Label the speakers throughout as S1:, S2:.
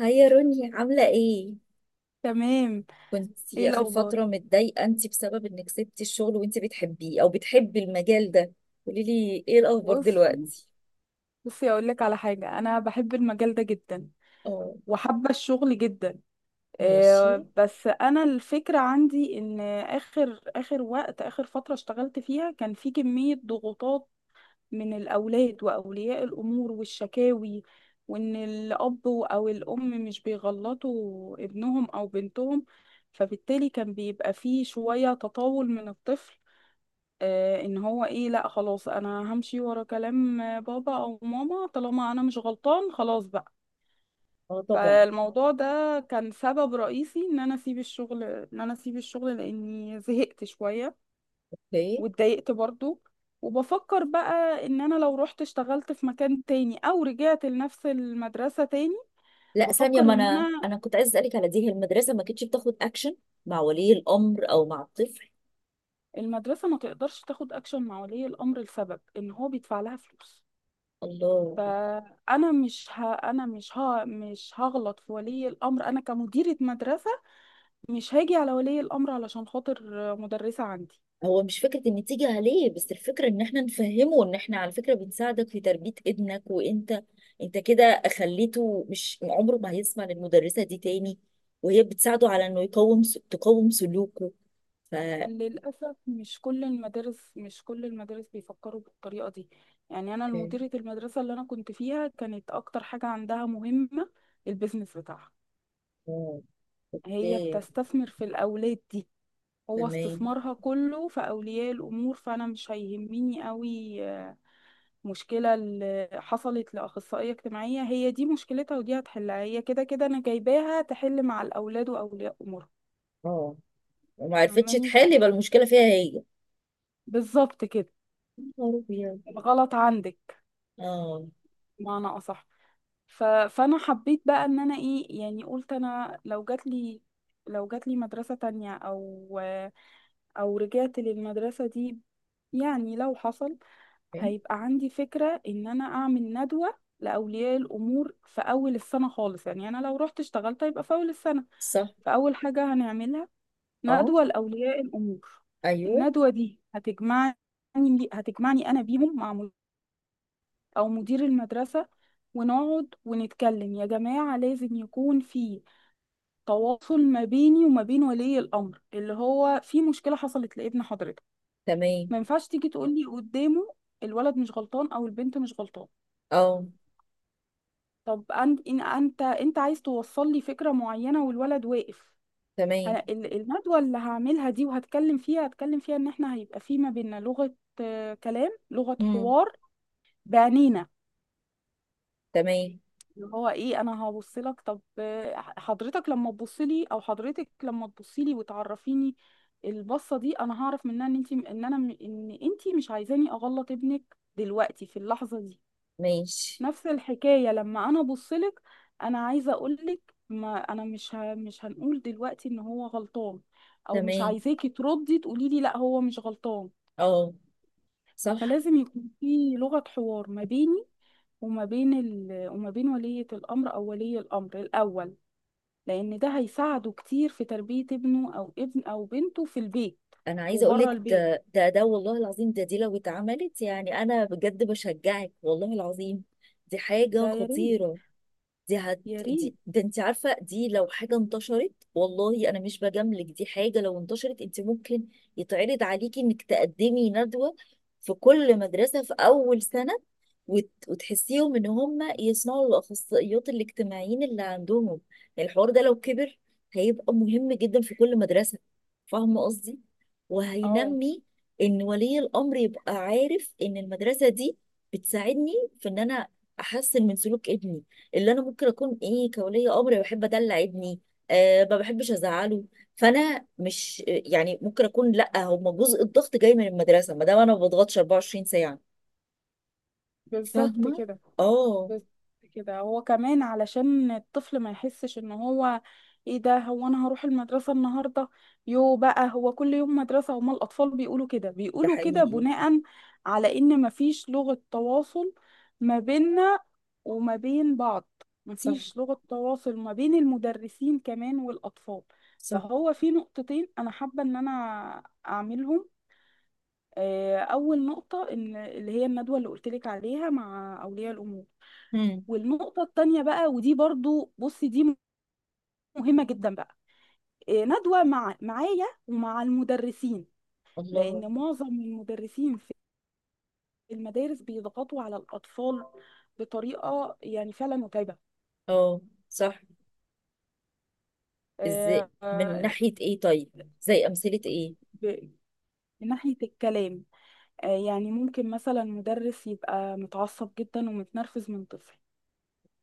S1: هاي يا روني، عاملة ايه؟
S2: تمام. ايه
S1: كنتي آخر
S2: الاخبار؟
S1: فترة متضايقة انتي بسبب انك سبتي الشغل وانتي بتحبيه او بتحبي المجال ده. قوليلي ايه الأخبار
S2: بص
S1: دلوقتي؟
S2: بصي اقول لك على حاجه، انا بحب المجال ده جدا،
S1: اه.
S2: وحابه الشغل جدا.
S1: ماشي.
S2: بس انا الفكره عندي ان اخر فتره اشتغلت فيها كان في كميه ضغوطات من الاولاد واولياء الامور والشكاوي، وان الاب او الام مش بيغلطوا ابنهم او بنتهم، فبالتالي كان بيبقى فيه شويه تطاول من الطفل. ان هو ايه، لا خلاص انا همشي ورا كلام بابا او ماما، طالما انا مش غلطان خلاص بقى.
S1: اه طبعا.
S2: فالموضوع ده كان سبب رئيسي ان انا اسيب الشغل لاني زهقت شوية،
S1: اوكي.
S2: واتضايقت برضو. وبفكر بقى ان انا لو رحت اشتغلت في مكان تاني او رجعت لنفس المدرسة تاني.
S1: لا ثانية،
S2: بفكر
S1: ما
S2: ان
S1: انا
S2: انا
S1: انا كنت عايزة اسألك على دي، هي المدرسة ما كانتش بتاخد اكشن مع ولي الأمر او مع الطفل؟
S2: المدرسة ما تقدرش تاخد اكشن مع ولي الامر لسبب ان هو بيدفع لها فلوس.
S1: الله.
S2: فانا مش ه... انا مش ه... مش هغلط في ولي الامر انا كمديره مدرسه، مش هاجي على ولي الامر علشان خاطر مدرسه عندي.
S1: هو مش فكرة ان تيجي عليه، بس الفكرة ان احنا نفهمه ان احنا على فكرة بنساعدك في تربية ابنك، وانت كده خليته مش عمره ما هيسمع للمدرسة دي تاني، وهي بتساعده على انه تقوم سلوكه. ف...
S2: للاسف، مش كل المدارس بيفكروا بالطريقه دي. يعني انا
S1: إيه.
S2: مديره المدرسه اللي انا كنت فيها كانت اكتر حاجه عندها مهمه البيزنس بتاعها،
S1: اه.
S2: هي
S1: اوكي.
S2: بتستثمر في الاولاد دي، هو
S1: تمام.
S2: استثمارها كله في اولياء الامور، فانا مش هيهمني قوي. مشكلة اللي حصلت لأخصائية اجتماعية هي دي مشكلتها ودي هتحلها هي، كده كده أنا جايباها تحل مع الأولاد وأولياء أمورهم.
S1: اه وما عرفتش
S2: فاهماني؟
S1: تحل، يبقى المشكلة فيها هي.
S2: بالظبط كده،
S1: يا نهار أبيض.
S2: الغلط عندك،
S1: اه.
S2: بمعنى أصح. فأنا حبيت بقى إن أنا إيه، يعني قلت أنا لو جاتلي مدرسة تانية، أو رجعت للمدرسة دي، يعني لو حصل،
S1: إيه.
S2: هيبقى عندي فكرة إن أنا أعمل ندوة لأولياء الأمور في أول السنة خالص، يعني أنا لو رحت اشتغلت هيبقى في أول السنة.
S1: صح.
S2: فأول حاجة هنعملها
S1: اه.
S2: ندوة لأولياء الأمور.
S1: ايوه.
S2: الندوة دي هتجمعني أنا بيهم مع أو مدير المدرسة، ونقعد ونتكلم، يا جماعة لازم يكون في تواصل ما بيني وما بين ولي الأمر اللي هو في مشكلة حصلت لابن حضرتك.
S1: تمام.
S2: ما ينفعش تيجي تقولي قدامه الولد مش غلطان أو البنت مش غلطان.
S1: اه.
S2: طب أنت، إن أنت عايز توصل لي فكرة معينة والولد واقف؟
S1: تمام.
S2: أنا الندوة اللي هعملها دي وهتكلم فيها، هتكلم فيها ان احنا هيبقى في ما بيننا لغة، كلام، لغة
S1: هم.
S2: حوار بعينينا.
S1: تمام.
S2: اللي هو ايه، انا هبص لك، طب حضرتك لما تبصي لي، وتعرفيني، البصة دي انا هعرف منها ان انت، ان انت مش عايزاني اغلط ابنك دلوقتي في اللحظة دي.
S1: ماشي.
S2: نفس الحكاية لما انا بصلك، انا عايزة اقولك ما انا مش هنقول دلوقتي ان هو غلطان، او مش
S1: تمام.
S2: عايزاكي تردي تقولي لي لا هو مش غلطان.
S1: اه. صح.
S2: فلازم يكون في لغة حوار ما بيني وما بين ولية الامر او ولي الامر الاول، لان ده هيساعده كتير في تربية ابنه او ابن او بنته في البيت
S1: انا عايزه اقول
S2: وبره
S1: لك،
S2: البيت.
S1: ده والله العظيم، ده دي لو اتعملت يعني انا بجد بشجعك، والله العظيم دي حاجه
S2: ده يا ريت،
S1: خطيره. دي هت...
S2: يا
S1: دي
S2: ريت.
S1: ده انت عارفه، دي لو حاجه انتشرت، والله انا مش بجاملك، دي حاجه لو انتشرت انت ممكن يتعرض عليكي انك تقدمي ندوه في كل مدرسه في اول سنه، وتحسيهم ان هم يسمعوا الاخصائيات الاجتماعيين اللي عندهم. يعني الحوار ده لو كبر هيبقى مهم جدا في كل مدرسه، فاهمه قصدي؟
S2: اه،
S1: وهينمي ان ولي الامر يبقى عارف ان المدرسه دي بتساعدني في ان انا احسن من سلوك ابني، اللي انا ممكن اكون ايه كولي امر بحب ادلع ابني، أه ما بحبش ازعله، فانا مش يعني ممكن اكون، لا هم جزء الضغط جاي من المدرسه ما دام انا ما بضغطش 24 ساعه.
S2: بالظبط
S1: فاهمه؟
S2: كده.
S1: اه.
S2: بس كده هو كمان علشان الطفل ما يحسش ان هو ايه، ده هو انا هروح المدرسة النهاردة. يو بقى، هو كل يوم مدرسة، هما الاطفال بيقولوا كده،
S1: ده
S2: بيقولوا كده
S1: حقيقي.
S2: بناء على ان مفيش لغة تواصل ما بيننا وما بين بعض،
S1: صح.
S2: مفيش لغة تواصل ما بين المدرسين كمان والاطفال.
S1: صح.
S2: فهو في نقطتين انا حابة ان انا اعملهم. اول نقطة ان اللي هي الندوة اللي قلت لك عليها مع اولياء الامور.
S1: هم.
S2: والنقطة التانية بقى، ودي برضو بصي دي مهمة جدا بقى، ندوة مع معايا ومع المدرسين،
S1: الله.
S2: لأن معظم المدرسين في المدارس بيضغطوا على الأطفال بطريقة يعني فعلا متعبة.
S1: اه. صح. ازاي
S2: آه،
S1: من
S2: آه،
S1: ناحيه ايه طيب؟ زي امثله ايه؟
S2: ب- من ناحية الكلام، يعني ممكن مثلا مدرس يبقى متعصب جدا ومتنرفز من طفل.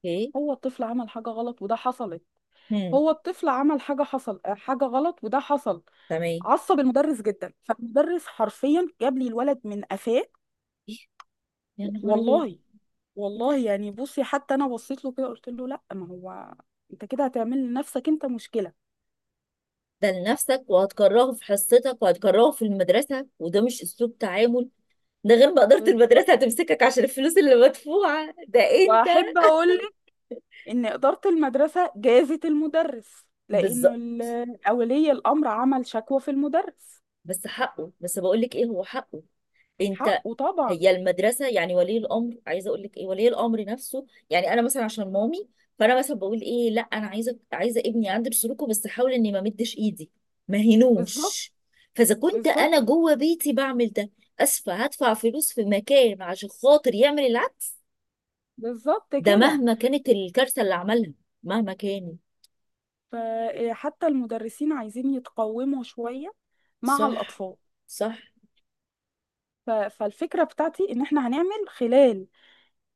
S1: ايه.
S2: هو الطفل عمل حاجة غلط وده حصلت
S1: هم.
S2: هو الطفل عمل حاجة حصل، حاجة غلط وده حصل،
S1: تمام.
S2: عصب المدرس جدا، فالمدرس حرفيا جاب لي الولد من قفاه.
S1: إيه؟ يا نهار ابيض.
S2: والله، والله، يعني بصي حتى انا بصيت له كده، قلت له لا، ما هو انت كده هتعمل لنفسك انت مشكله.
S1: ده لنفسك، وهتكرهه في حصتك، وهتكرهه في المدرسة، وده مش أسلوب تعامل. ده غير ما إدارة
S2: بالظبط.
S1: المدرسة هتمسكك عشان الفلوس اللي مدفوعة، ده أنت...
S2: واحب اقول لك ان اداره المدرسه جازت المدرس، لانه
S1: بالظبط.
S2: اولي الامر عمل شكوى في المدرس.
S1: بس حقه، بس بقولك إيه هو حقه. انت
S2: حقه
S1: هي
S2: طبعا،
S1: المدرسه، يعني ولي الامر، عايزه اقول لك ايه، ولي الامر نفسه، يعني انا مثلا عشان مامي، فانا مثلا بقول ايه، لا انا عايزه، عايزه ابني عند سلوكه، بس احاول اني ما مدش ايدي، ما
S2: بالظبط،
S1: هينوش. فاذا كنت انا
S2: بالظبط،
S1: جوه بيتي بعمل ده، اسفه هدفع فلوس في مكان عشان خاطر يعمل العكس؟
S2: بالظبط
S1: ده
S2: كده.
S1: مهما كانت الكارثه اللي عملها، مهما كانت.
S2: فحتى المدرسين عايزين يتقوموا شويه مع
S1: صح.
S2: الاطفال.
S1: صح.
S2: فالفكرة بتاعتي إن إحنا هنعمل خلال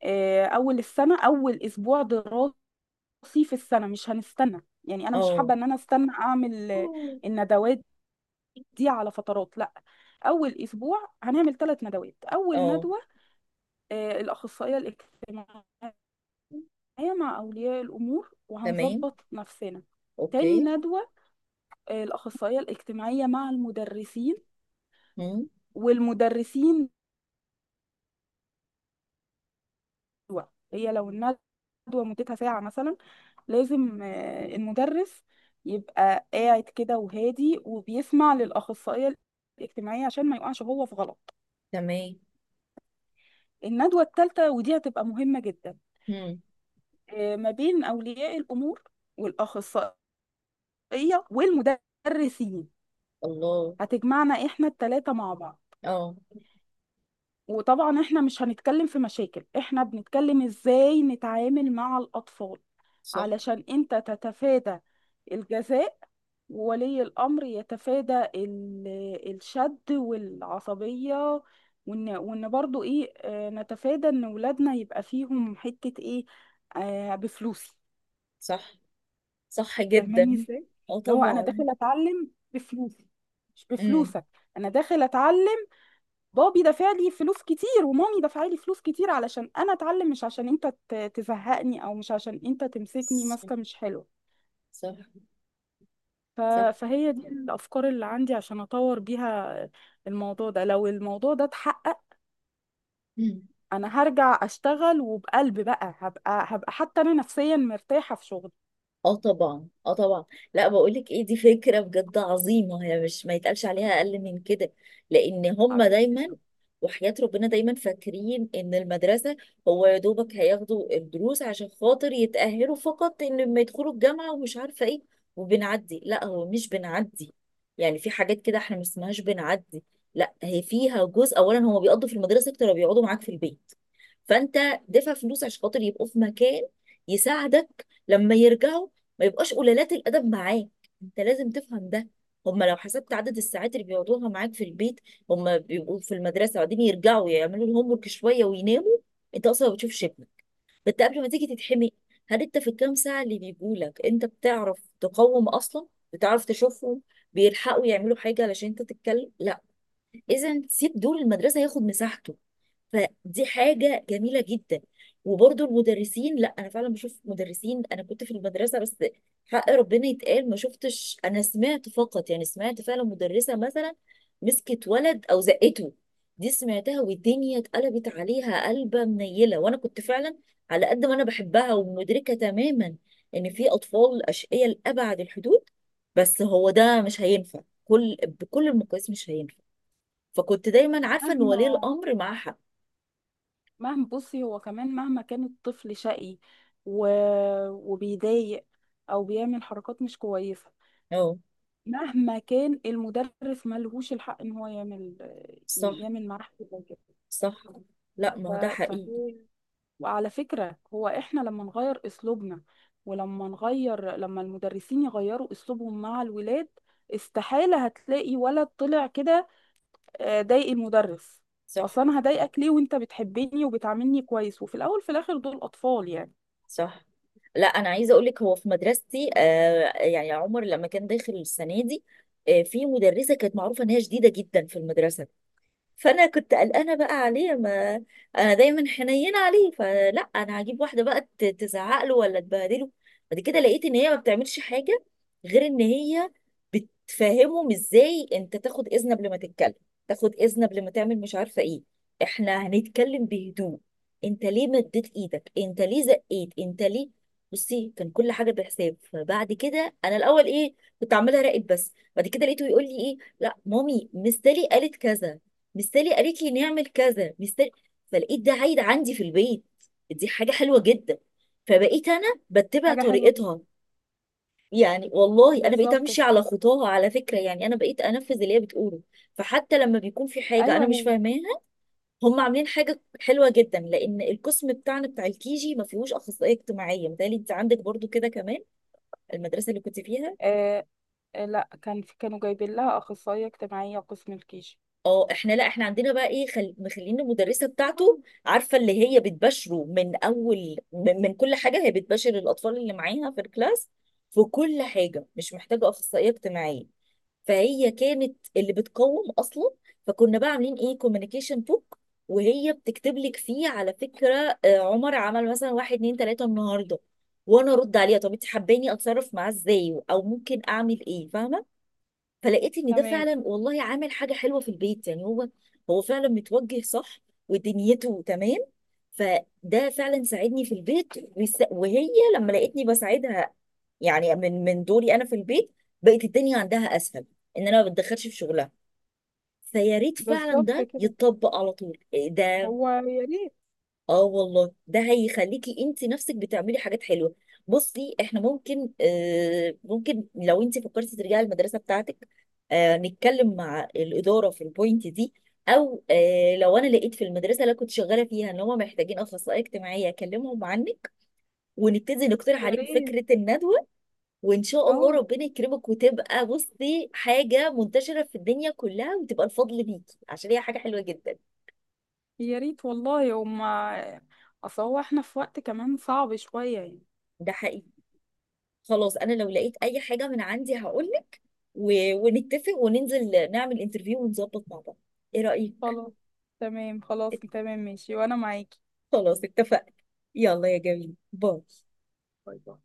S2: أول السنة، أول أسبوع دراسي في السنة، مش هنستنى، يعني أنا مش
S1: اه.
S2: حابة إن أنا أستنى أعمل الندوات دي على فترات، لا، أول أسبوع هنعمل ثلاث ندوات. أول
S1: اه.
S2: ندوة الأخصائية الاجتماعية مع أولياء الأمور
S1: تمام.
S2: وهنظبط نفسنا. تاني
S1: اوكي.
S2: ندوة الأخصائية الاجتماعية مع المدرسين
S1: هم.
S2: والمدرسين. الندوة، هي لو الندوة مدتها ساعة مثلا، لازم المدرس يبقى قاعد كده وهادي وبيسمع للأخصائية الاجتماعية عشان ما يقعش هو في غلط.
S1: تمام.
S2: الندوة الثالثة، ودي هتبقى مهمة جدا،
S1: هم.
S2: ما بين أولياء الأمور والأخصائية والمدرسين،
S1: الله.
S2: هتجمعنا إحنا الثلاثة مع بعض.
S1: اه.
S2: وطبعا احنا مش هنتكلم في مشاكل، احنا بنتكلم ازاي نتعامل مع الأطفال،
S1: صح.
S2: علشان انت تتفادى الجزاء، وولي الأمر يتفادى الشد والعصبية، وإن برضو إيه، نتفادى إن ولادنا يبقى فيهم حتة إيه، آه بفلوسي.
S1: صح. صح
S2: فاهماني
S1: جدا.
S2: إزاي؟
S1: اه
S2: اللي هو أنا
S1: طبعا.
S2: داخل أتعلم بفلوسي مش
S1: امم.
S2: بفلوسك، أنا داخل أتعلم، بابي دافع لي فلوس كتير ومامي دافعة لي فلوس كتير علشان أنا أتعلم، مش عشان أنت تزهقني، أو مش عشان أنت تمسكني
S1: صح.
S2: ماسكة مش حلوة.
S1: صح.
S2: ف-
S1: صح.
S2: فهي دي الأفكار اللي عندي عشان أطور بيها الموضوع ده. لو الموضوع ده اتحقق،
S1: مم.
S2: أنا هرجع أشتغل وبقلب بقى، هبقى حتى أنا نفسيا مرتاحة في شغلي.
S1: اه طبعا، اه طبعا. لا بقولك ايه، دي فكره بجد عظيمه، هي مش، ما يتقالش عليها اقل من كده. لان هم
S2: حبيبتي
S1: دايما
S2: شكراً.
S1: وحياة ربنا دايما فاكرين ان المدرسه هو يا دوبك هياخدوا الدروس عشان خاطر يتاهلوا فقط، ان لما يدخلوا الجامعه ومش عارفه ايه، وبنعدي، لا هو مش بنعدي. يعني في حاجات كده احنا ما اسمهاش بنعدي، لا هي فيها جزء. اولا هم بيقضوا في المدرسه اكتر ما بيقعدوا معاك في البيت، فانت دفع فلوس عشان خاطر يبقوا في مكان يساعدك لما يرجعوا، ما يبقاش قلالات الادب معاك. انت لازم تفهم ده. هما لو حسبت عدد الساعات اللي بيقعدوها معاك في البيت، هما بيبقوا في المدرسه وبعدين يرجعوا يعملوا الهوم ورك شويه ويناموا، انت اصلا ما بتشوفش ابنك. ده انت قبل ما تيجي تتحمي، هل انت في الكام ساعه اللي بيجوا لك انت بتعرف تقوم اصلا؟ بتعرف تشوفهم؟ بيلحقوا يعملوا حاجه علشان انت تتكلم؟ لا. اذا سيب دور المدرسه ياخد مساحته، فدي حاجة جميلة جدا. وبرضو المدرسين، لا أنا فعلا بشوف مدرسين، أنا كنت في المدرسة، بس حق ربنا يتقال ما شفتش، أنا سمعت فقط، يعني سمعت فعلا مدرسة مثلا مسكت ولد أو زقته، دي سمعتها والدنيا اتقلبت عليها قلبة منيلة، وأنا كنت فعلا، على قد ما أنا بحبها ومدركة تماما إن في أطفال أشقياء لأبعد الحدود، بس هو ده مش هينفع، كل، بكل المقاييس مش هينفع. فكنت دايما عارفة إن ولي
S2: مهما،
S1: الأمر معاه حق.
S2: بصي هو كمان مهما كان الطفل شقي و... وبيضايق أو بيعمل حركات مش كويسة،
S1: اه.
S2: مهما كان المدرس ملهوش الحق إن هو يعمل
S1: صح.
S2: يعمل معاه حاجة زي كده.
S1: صح. لا ما
S2: ف...
S1: هو ده حقيقي.
S2: فهي، وعلى فكرة هو احنا لما نغير اسلوبنا، ولما نغير لما المدرسين يغيروا اسلوبهم مع الولاد، استحالة هتلاقي ولد طلع كده ضايق المدرس.
S1: صح.
S2: اصلا انا هضايقك ليه وانت بتحبني وبتعاملني كويس، وفي الاول في الاخر دول اطفال يعني.
S1: صح. لا انا عايزه اقول لك، هو في مدرستي، آه يعني عمر لما كان داخل السنه دي، آه في مدرسه كانت معروفه ان هي شديده جدا في المدرسه، فانا كنت قلقانه بقى عليه، ما انا دايما حنينه عليه، فلا انا هجيب واحده بقى تزعق له ولا تبهدله. بعد كده لقيت ان هي ما بتعملش حاجه، غير ان هي بتفهمهم ازاي انت تاخد اذن قبل ما تتكلم، تاخد اذن قبل ما تعمل مش عارفه ايه، احنا هنتكلم بهدوء، انت ليه مديت ايدك، انت ليه زقيت، انت ليه... بصي كان كل حاجه بحساب. فبعد كده انا الاول ايه، كنت عامله راقد، بس بعد كده لقيته يقول لي ايه، لا مامي مستلي قالت كذا، مستلي قالت لي نعمل كذا، مستلي. فلقيت ده عايد عندي في البيت، دي حاجة حلوة جدا، فبقيت أنا بتبع
S2: حاجة حلوة جدا،
S1: طريقتها. يعني والله أنا بقيت
S2: بالظبط
S1: أمشي
S2: كده.
S1: على خطاها، على فكرة، يعني أنا بقيت أنفذ اللي هي بتقوله. فحتى لما بيكون في حاجة أنا
S2: أيوة
S1: مش
S2: هي.
S1: فاهماها، هم عاملين حاجة حلوة جدا، لأن القسم بتاعنا بتاع الكيجي ما فيهوش أخصائية اجتماعية. متهيألي أنت عندك برضو كده كمان المدرسة اللي كنت فيها.
S2: آه لا، كانوا جايبين لها اخصائية اجتماعية قسم الكيجي.
S1: اه. احنا، لا احنا عندنا بقى ايه، مخلين المدرسه بتاعته، عارفه اللي هي بتباشره من اول، من كل حاجه، هي بتباشر الاطفال اللي معاها في الكلاس في كل حاجه، مش محتاجه اخصائيه اجتماعيه، فهي كانت اللي بتقوم اصلا. فكنا بقى عاملين ايه كوميونيكيشن بوك، وهي بتكتب لك فيه على فكره، آه عمر عمل مثلا واحد اتنين تلاته النهارده، وانا ارد عليها طب انت حباني اتصرف معاه ازاي، او ممكن اعمل ايه، فاهمه؟ فلقيت ان ده
S2: تمام،
S1: فعلا والله عامل حاجه حلوه في البيت، يعني هو هو فعلا متوجه صح، ودنيته تمام، فده فعلا ساعدني في البيت. وهي لما لقيتني بساعدها يعني من دوري انا في البيت، بقت الدنيا عندها اسهل، ان انا ما بتدخلش في شغلها. فيا ريت فعلا
S2: بالظبط
S1: ده
S2: كده،
S1: يتطبق على طول، إيه ده.
S2: هو يا ريت،
S1: اه والله ده هيخليكي انت نفسك بتعملي حاجات حلوه. بصي احنا ممكن، آه ممكن لو انت فكرتي ترجعي المدرسه بتاعتك، آه نتكلم مع الاداره في البوينت دي، او آه لو انا لقيت في المدرسه اللي أنا كنت شغاله فيها ان هم محتاجين اخصائيه اجتماعيه اكلمهم عنك، ونبتدي نقترح
S2: يا
S1: عليهم
S2: ريت.
S1: فكره الندوه، وان شاء الله
S2: اه،
S1: ربنا يكرمك وتبقى بصي حاجه منتشره في الدنيا كلها، وتبقى الفضل ليكي، عشان هي حاجه حلوه جدا.
S2: يا ريت والله. هما اصل هو احنا في وقت كمان صعب شوية يعني.
S1: ده حقيقي. خلاص انا لو لقيت اي حاجه من عندي هقول، و... ونتفق وننزل نعمل انترفيو ونظبط مع بعض، ايه رأيك؟
S2: خلاص، تمام، خلاص تمام ماشي، وانا معاكي.
S1: خلاص اتفقنا. يلا يا جميل، باي.
S2: باي باي.